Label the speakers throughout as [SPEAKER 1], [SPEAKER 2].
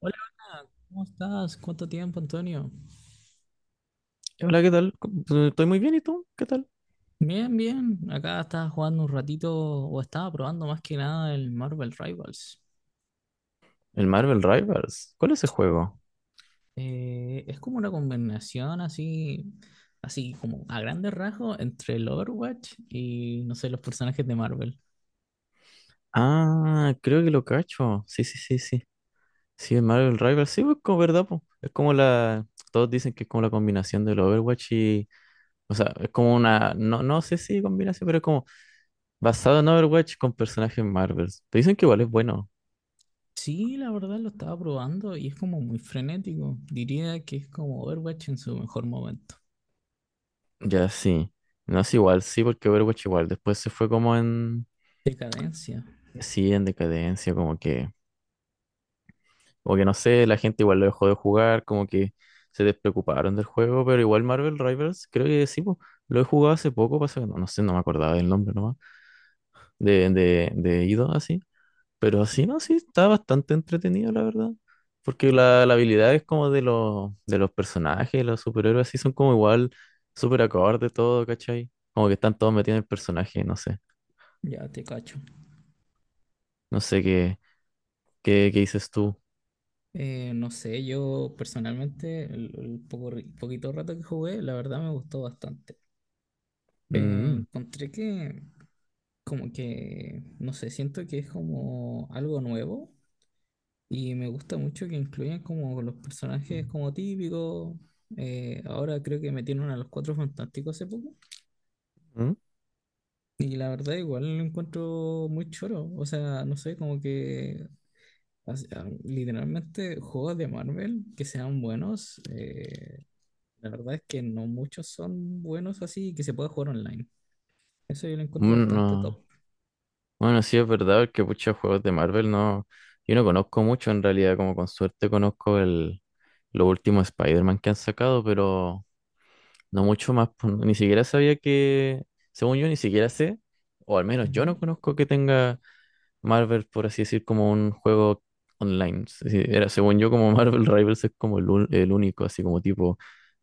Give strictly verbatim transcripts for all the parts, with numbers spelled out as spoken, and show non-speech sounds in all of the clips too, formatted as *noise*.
[SPEAKER 1] Hola, Ana, ¿cómo estás? ¿Cuánto tiempo, Antonio?
[SPEAKER 2] Hola, ¿qué tal? ¿Cómo- Estoy muy bien, ¿y tú? ¿Qué tal?
[SPEAKER 1] Bien, bien. Acá estaba jugando un ratito o estaba probando más que nada el Marvel Rivals.
[SPEAKER 2] El Marvel Rivals. ¿Cuál es ese juego?
[SPEAKER 1] Eh, es como una combinación así, así como a grandes rasgos entre el Overwatch y no sé, los personajes de Marvel.
[SPEAKER 2] Ah, creo que lo cacho. Sí, sí, sí, sí. Sí, el Marvel Rivals. Sí, pues como verdad, pues. Es como la. Todos dicen que es como la combinación del Overwatch y. O sea, es como una. No, no sé si combinación, pero es como basado en Overwatch con personajes Marvel. Te dicen que igual es bueno.
[SPEAKER 1] Sí, la verdad lo estaba probando y es como muy frenético. Diría que es como Overwatch en su mejor momento.
[SPEAKER 2] Ya, sí. No es igual, sí, porque Overwatch igual. Después se fue como en.
[SPEAKER 1] Decadencia.
[SPEAKER 2] Sí, en decadencia, como que. Como que no sé, la gente igual lo dejó de jugar, como que se despreocuparon del juego, pero igual Marvel Rivals, creo que sí, po, lo he jugado hace poco, pasa que no, no sé, no me acordaba del nombre nomás, de, de, de Ido, así. Pero así no, sí, está bastante entretenido, la verdad. Porque
[SPEAKER 1] Ya,
[SPEAKER 2] la, la habilidad es como de los, de los personajes, los superhéroes, así son como igual, súper acorde todo, ¿cachai? Como que están todos metidos en el personaje, no sé.
[SPEAKER 1] ya te cacho.
[SPEAKER 2] No sé qué, qué, qué dices tú.
[SPEAKER 1] Eh, no sé, yo personalmente, el, el poco, ri- poquito rato que jugué, la verdad me gustó bastante. Eh,
[SPEAKER 2] Mm,
[SPEAKER 1] encontré que, como que, no sé, siento que es como algo nuevo y me gusta mucho que incluyan como los personajes como típicos. Eh, ahora creo que metieron a los Cuatro Fantásticos hace poco
[SPEAKER 2] mm,
[SPEAKER 1] y la verdad igual lo encuentro muy choro. O sea, no sé, como que, o sea, literalmente juegos de Marvel que sean buenos. eh, La verdad es que no muchos son buenos así que se pueda jugar online. Eso yo lo encuentro
[SPEAKER 2] mm,
[SPEAKER 1] bastante top.
[SPEAKER 2] no. Bueno, sí es verdad que muchos juegos de Marvel no, yo no conozco mucho en realidad, como con suerte conozco el, los últimos Spider-Man que han sacado, pero no mucho más, pues, ni siquiera sabía que, según yo ni siquiera sé, o al menos yo
[SPEAKER 1] Ujú.
[SPEAKER 2] no conozco que tenga Marvel, por así decir, como un juego online. Es decir, era, según yo, como *laughs* Marvel Rivals es como el, un- el único, así como tipo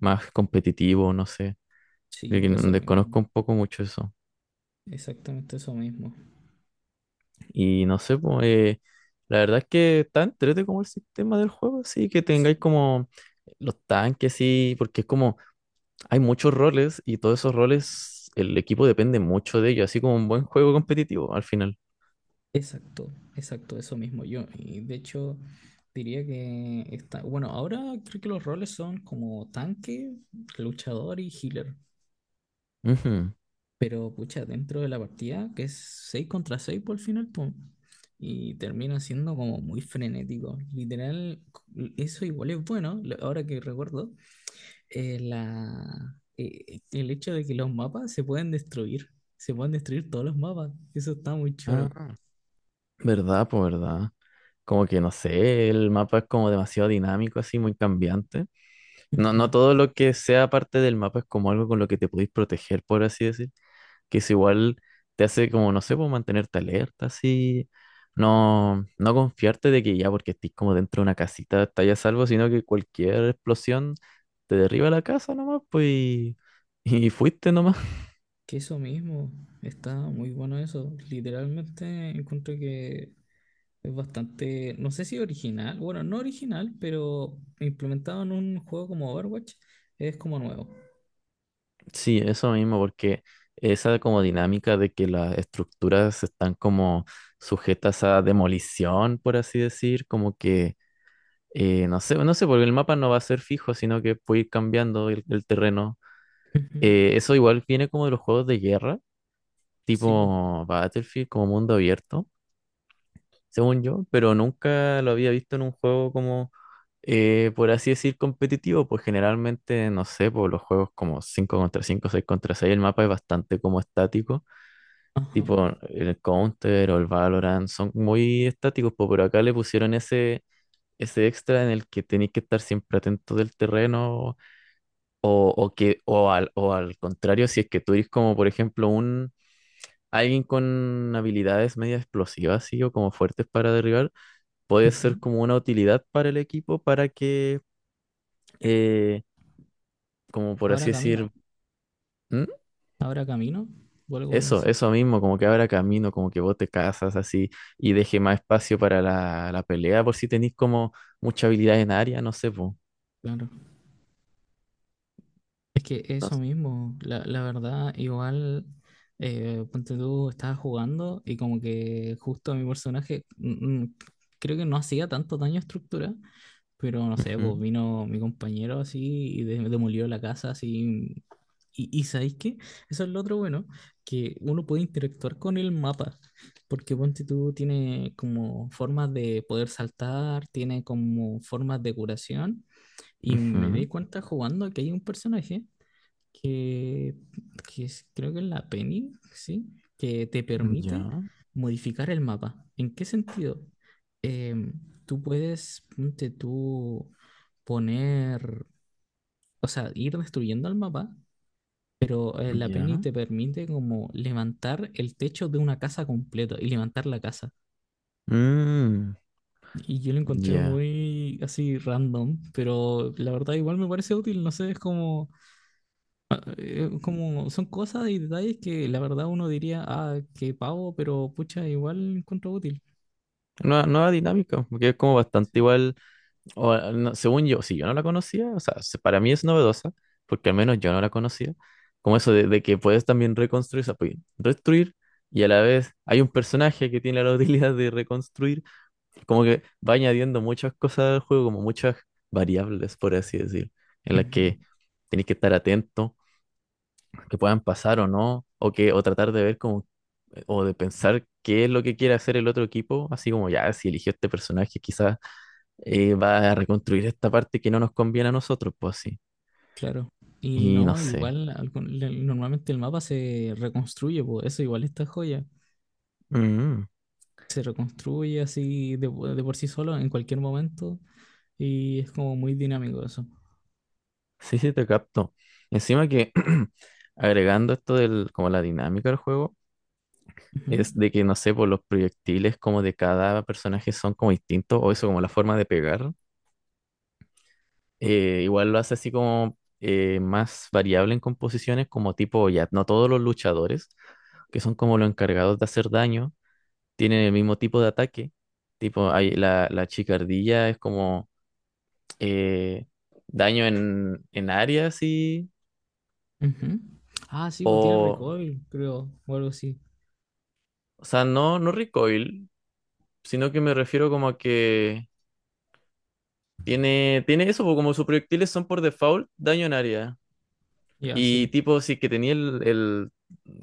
[SPEAKER 2] más competitivo, no sé, de
[SPEAKER 1] Sí,
[SPEAKER 2] que
[SPEAKER 1] eso
[SPEAKER 2] desconozco
[SPEAKER 1] mismo.
[SPEAKER 2] un poco mucho eso.
[SPEAKER 1] Exactamente eso mismo.
[SPEAKER 2] Y no sé, pues, eh, la verdad es que está entrete como el sistema del juego, así que
[SPEAKER 1] Sí,
[SPEAKER 2] tengáis como los tanques, sí, porque es como hay muchos roles y todos esos roles, el equipo depende mucho de ellos, así como un buen juego competitivo al final.
[SPEAKER 1] exacto, exacto, eso mismo. Yo, y de hecho, diría que está. Bueno, ahora creo que los roles son como tanque, luchador y healer.
[SPEAKER 2] Ujú.
[SPEAKER 1] Pero pucha, dentro de la partida, que es seis contra seis por el final, pum, y termina siendo como muy frenético. Literal, c- eso igual es bueno, lo- ahora que recuerdo, eh, la, eh, el hecho de que los mapas se pueden destruir. Se pueden destruir todos los mapas. Eso está muy choro.
[SPEAKER 2] Ah, verdad, pues verdad. Como que no sé, el mapa es como demasiado dinámico, así muy cambiante. No, no
[SPEAKER 1] Ujú.
[SPEAKER 2] todo lo que sea parte del mapa es como algo con lo que te podéis proteger, por así decir. Que eso igual te hace como, no sé, pues mantenerte alerta, así, no, no confiarte de que ya porque estés como dentro de una casita estás a salvo, sino que cualquier explosión te derriba la casa nomás, pues, y, *laughs* y fuiste nomás.
[SPEAKER 1] Que eso mismo, está muy bueno eso. Literalmente encuentro que es bastante, no sé si original, bueno, no original, pero implementado en un juego como Overwatch, es como nuevo.
[SPEAKER 2] Sí, eso mismo, porque esa como dinámica de que las estructuras están como sujetas a demolición, por así decir, como que, eh, no sé, no sé, porque el mapa no va a ser fijo, sino que puede ir cambiando el el terreno.
[SPEAKER 1] Ujú.
[SPEAKER 2] Eh, eso igual viene como de los juegos de guerra,
[SPEAKER 1] Sí, po.
[SPEAKER 2] tipo Battlefield, como mundo abierto, según yo, pero nunca lo había visto en un juego como, eh, por así decir, competitivo, pues generalmente, no sé, por los juegos como cinco contra cinco, seis contra seis el mapa es bastante como estático,
[SPEAKER 1] Ajá.
[SPEAKER 2] tipo el Counter o el Valorant, son muy estáticos, pues, pero acá le pusieron ese... Ese extra en el que tenéis que estar siempre atento del terreno o, o que o al, o al contrario si es que tú eres como por ejemplo un alguien con habilidades media explosivas, sí, o como fuertes para derribar, puede
[SPEAKER 1] Ujú.
[SPEAKER 2] ser como una utilidad para el equipo para que, eh, como por
[SPEAKER 1] Ahora
[SPEAKER 2] así decir,
[SPEAKER 1] camino,
[SPEAKER 2] ¿Mm?
[SPEAKER 1] ahora camino, vuelvo a
[SPEAKER 2] Eso,
[SPEAKER 1] decir.
[SPEAKER 2] eso mismo, como que abra camino, como que vos te casas así y deje más espacio para la, la pelea, por si tenéis como mucha habilidad en área, no sé, pues.
[SPEAKER 1] Es que eso mismo, la, la verdad, igual, eh, ponte tú, estaba jugando y como que justo mi personaje, mm, mm, creo que no hacía tanto daño a estructura, pero no sé, pues
[SPEAKER 2] Ujú,
[SPEAKER 1] vino mi compañero así y de- demolió la casa así. Y, y ¿sabéis qué? Eso es lo otro bueno, que uno puede interactuar con el mapa, porque ponte tú tiene como formas de poder saltar, tiene como formas de curación, y me di
[SPEAKER 2] ujú.
[SPEAKER 1] cuenta jugando que hay un personaje que, que es- creo que es la Penny, ¿sí? Que te permite
[SPEAKER 2] Ya,
[SPEAKER 1] modificar el mapa. ¿En qué sentido? Em, Tú puedes, ponte tú, poner, o sea, ir destruyendo el mapa, pero eh, la Penny
[SPEAKER 2] ya.
[SPEAKER 1] te permite como levantar el techo de una casa completa y levantar la casa.
[SPEAKER 2] Mm,
[SPEAKER 1] Y yo lo encontré
[SPEAKER 2] ya.
[SPEAKER 1] muy así random, pero la verdad igual me parece útil, no sé, es como ah, eh, como son cosas y detalles que la verdad uno diría, ah, qué pavo, pero pucha, igual encuentro útil.
[SPEAKER 2] Nueva, nueva dinámica, porque es como bastante igual. O, no, según yo, si yo no la conocía, o sea, se- para mí es novedosa, porque al menos yo no la conocía, como eso de, de que puedes también reconstruir, o sea, puedes destruir y a la vez hay un personaje que tiene la *laughs* utilidad de reconstruir, como que va añadiendo muchas cosas al juego, como muchas variables, por así decir, en las
[SPEAKER 1] Ujú,
[SPEAKER 2] que tienes que estar atento que puedan pasar o no, o que, o tratar de ver como, eh, o de pensar qué es lo que quiere hacer el otro equipo, así como ya, si eligió este personaje, quizás eh, va a reconstruir esta parte que no nos conviene a nosotros, pues así.
[SPEAKER 1] claro. Y
[SPEAKER 2] Y no
[SPEAKER 1] no,
[SPEAKER 2] sé.
[SPEAKER 1] igual algún- le- normalmente el mapa se reconstruye, por eso igual esta joya.
[SPEAKER 2] Mm,
[SPEAKER 1] Se reconstruye así de, po- de por sí solo en cualquier momento y es como muy dinámico eso.
[SPEAKER 2] sí, sí, te capto. Encima que *clears throat* agregando esto del, como la dinámica del juego,
[SPEAKER 1] Ujú,
[SPEAKER 2] es de que, no sé, por los proyectiles como de cada personaje son como distintos, o eso como la forma de pegar, eh, igual lo hace así como eh, más variable en composiciones, como tipo, ya, no todos los luchadores, que son como los encargados de hacer daño, tienen el mismo tipo de ataque. Tipo, hay, la, la chicardilla es como eh, daño en, en área, así,
[SPEAKER 1] ujú. Ah, sí, pues tiene
[SPEAKER 2] o,
[SPEAKER 1] recoil, creo, o algo así.
[SPEAKER 2] o sea, no, no recoil, sino que me refiero como a que tiene, tiene eso, po, como sus proyectiles son por default daño en área.
[SPEAKER 1] Ya,
[SPEAKER 2] Y
[SPEAKER 1] sí.
[SPEAKER 2] tipo, sí que tenía el, el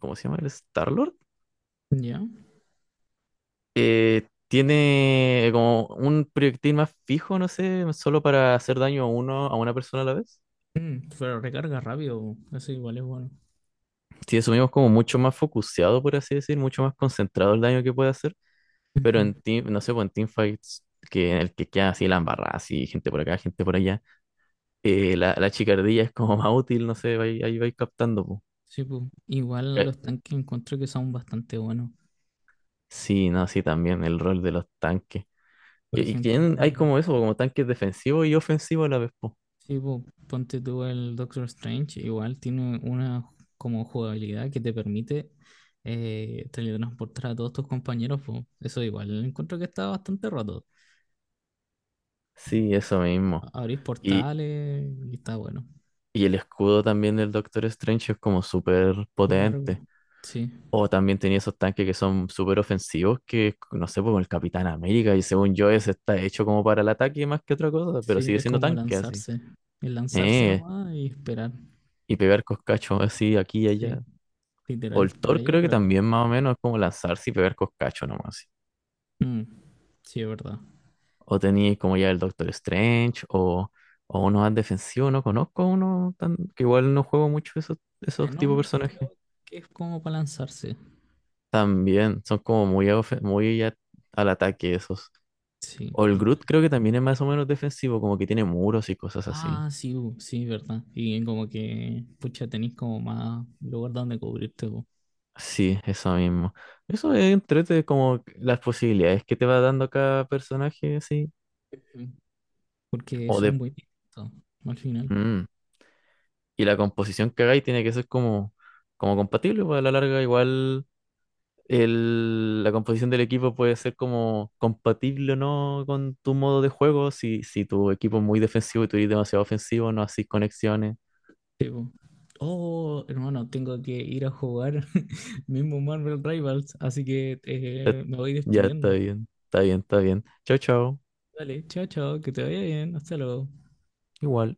[SPEAKER 2] ¿cómo se llama? ¿El Star
[SPEAKER 1] Ya.
[SPEAKER 2] eh, tiene como un proyectil más fijo, no sé, solo para hacer daño a uno, a una persona a la vez.
[SPEAKER 1] Mm, pero recarga rápido, po, eso igual es bueno.
[SPEAKER 2] Si asumimos como mucho más focuseado, por así decir, mucho más concentrado el daño que puede hacer, pero
[SPEAKER 1] Ujú.
[SPEAKER 2] en team, no sé, pues en teamfights, que en el que queda así la embarrada, así gente por acá, gente por allá, eh, la, la chicardilla es como *laughs* más útil, no sé, ahí, ahí vais captando, po.
[SPEAKER 1] Sí, po. Igual
[SPEAKER 2] Eh,
[SPEAKER 1] los tanques encuentro que son bastante buenos.
[SPEAKER 2] Sí, no, sí, también el rol de los tanques.
[SPEAKER 1] Por
[SPEAKER 2] Que- Y
[SPEAKER 1] ejemplo,
[SPEAKER 2] tienen, hay como eso, como tanques defensivos y ofensivos a la vez, po.
[SPEAKER 1] sí, po, ponte tú el Doctor Strange, igual tiene una como jugabilidad que te permite eh, teletransportar a todos tus compañeros, po. Eso igual encuentro que está bastante roto.
[SPEAKER 2] Sí, eso mismo.
[SPEAKER 1] A- Abrís portales y está bueno.
[SPEAKER 2] Y el escudo también del Doctor Strange es como súper potente.
[SPEAKER 1] Largo. Sí,
[SPEAKER 2] O también tenía esos tanques que son súper ofensivos, que no sé, como el Capitán América, y según yo ese está hecho como para el ataque más que otra cosa, pero
[SPEAKER 1] sí,
[SPEAKER 2] sigue
[SPEAKER 1] es
[SPEAKER 2] siendo
[SPEAKER 1] como
[SPEAKER 2] tanque así.
[SPEAKER 1] lanzarse. Es lanzarse
[SPEAKER 2] Eh,
[SPEAKER 1] nomás y esperar.
[SPEAKER 2] y pegar coscachos así aquí y
[SPEAKER 1] Sí,
[SPEAKER 2] allá. O
[SPEAKER 1] literal,
[SPEAKER 2] el
[SPEAKER 1] por
[SPEAKER 2] Thor
[SPEAKER 1] allí y
[SPEAKER 2] creo que
[SPEAKER 1] por acá.
[SPEAKER 2] también más o menos es como lanzarse y pegar coscachos nomás. Así.
[SPEAKER 1] Mm, sí, es verdad.
[SPEAKER 2] O tenía como ya el Doctor Strange, o, o uno más defensivo, no conozco uno tan, que igual no juego mucho esos, esos tipos de
[SPEAKER 1] Venom
[SPEAKER 2] personajes.
[SPEAKER 1] creo que es como para lanzarse.
[SPEAKER 2] También son como muy, a ofe- muy a- al ataque esos.
[SPEAKER 1] Sí.
[SPEAKER 2] O el
[SPEAKER 1] y tiene-
[SPEAKER 2] Groot creo que también es más o menos defensivo, como que tiene muros y cosas así.
[SPEAKER 1] Ah, sí, bu, sí, verdad. Y como que, pucha, tenéis como más lugar donde cubrirte, bu.
[SPEAKER 2] Sí, eso mismo. Eso es entrete como las posibilidades que te va dando cada personaje, así.
[SPEAKER 1] Ujú. Porque
[SPEAKER 2] O
[SPEAKER 1] son
[SPEAKER 2] de...
[SPEAKER 1] muy distintos al final.
[SPEAKER 2] mm. Y la composición que hagáis tiene que ser como, como compatible, pues a la larga igual el, la composición del equipo puede ser como compatible o no con tu modo de juego. Si, si tu equipo es muy defensivo y tú eres demasiado ofensivo, no haces conexiones.
[SPEAKER 1] Sí, bu. Oh, hermano, tengo que ir a jugar *laughs* mismo Marvel Rivals, así que
[SPEAKER 2] Ya,
[SPEAKER 1] eh, me voy
[SPEAKER 2] ya está
[SPEAKER 1] despidiendo.
[SPEAKER 2] bien, está bien, está bien. Chao, chao.
[SPEAKER 1] Dale, chao, chao, que te vaya bien, hasta luego.
[SPEAKER 2] Igual.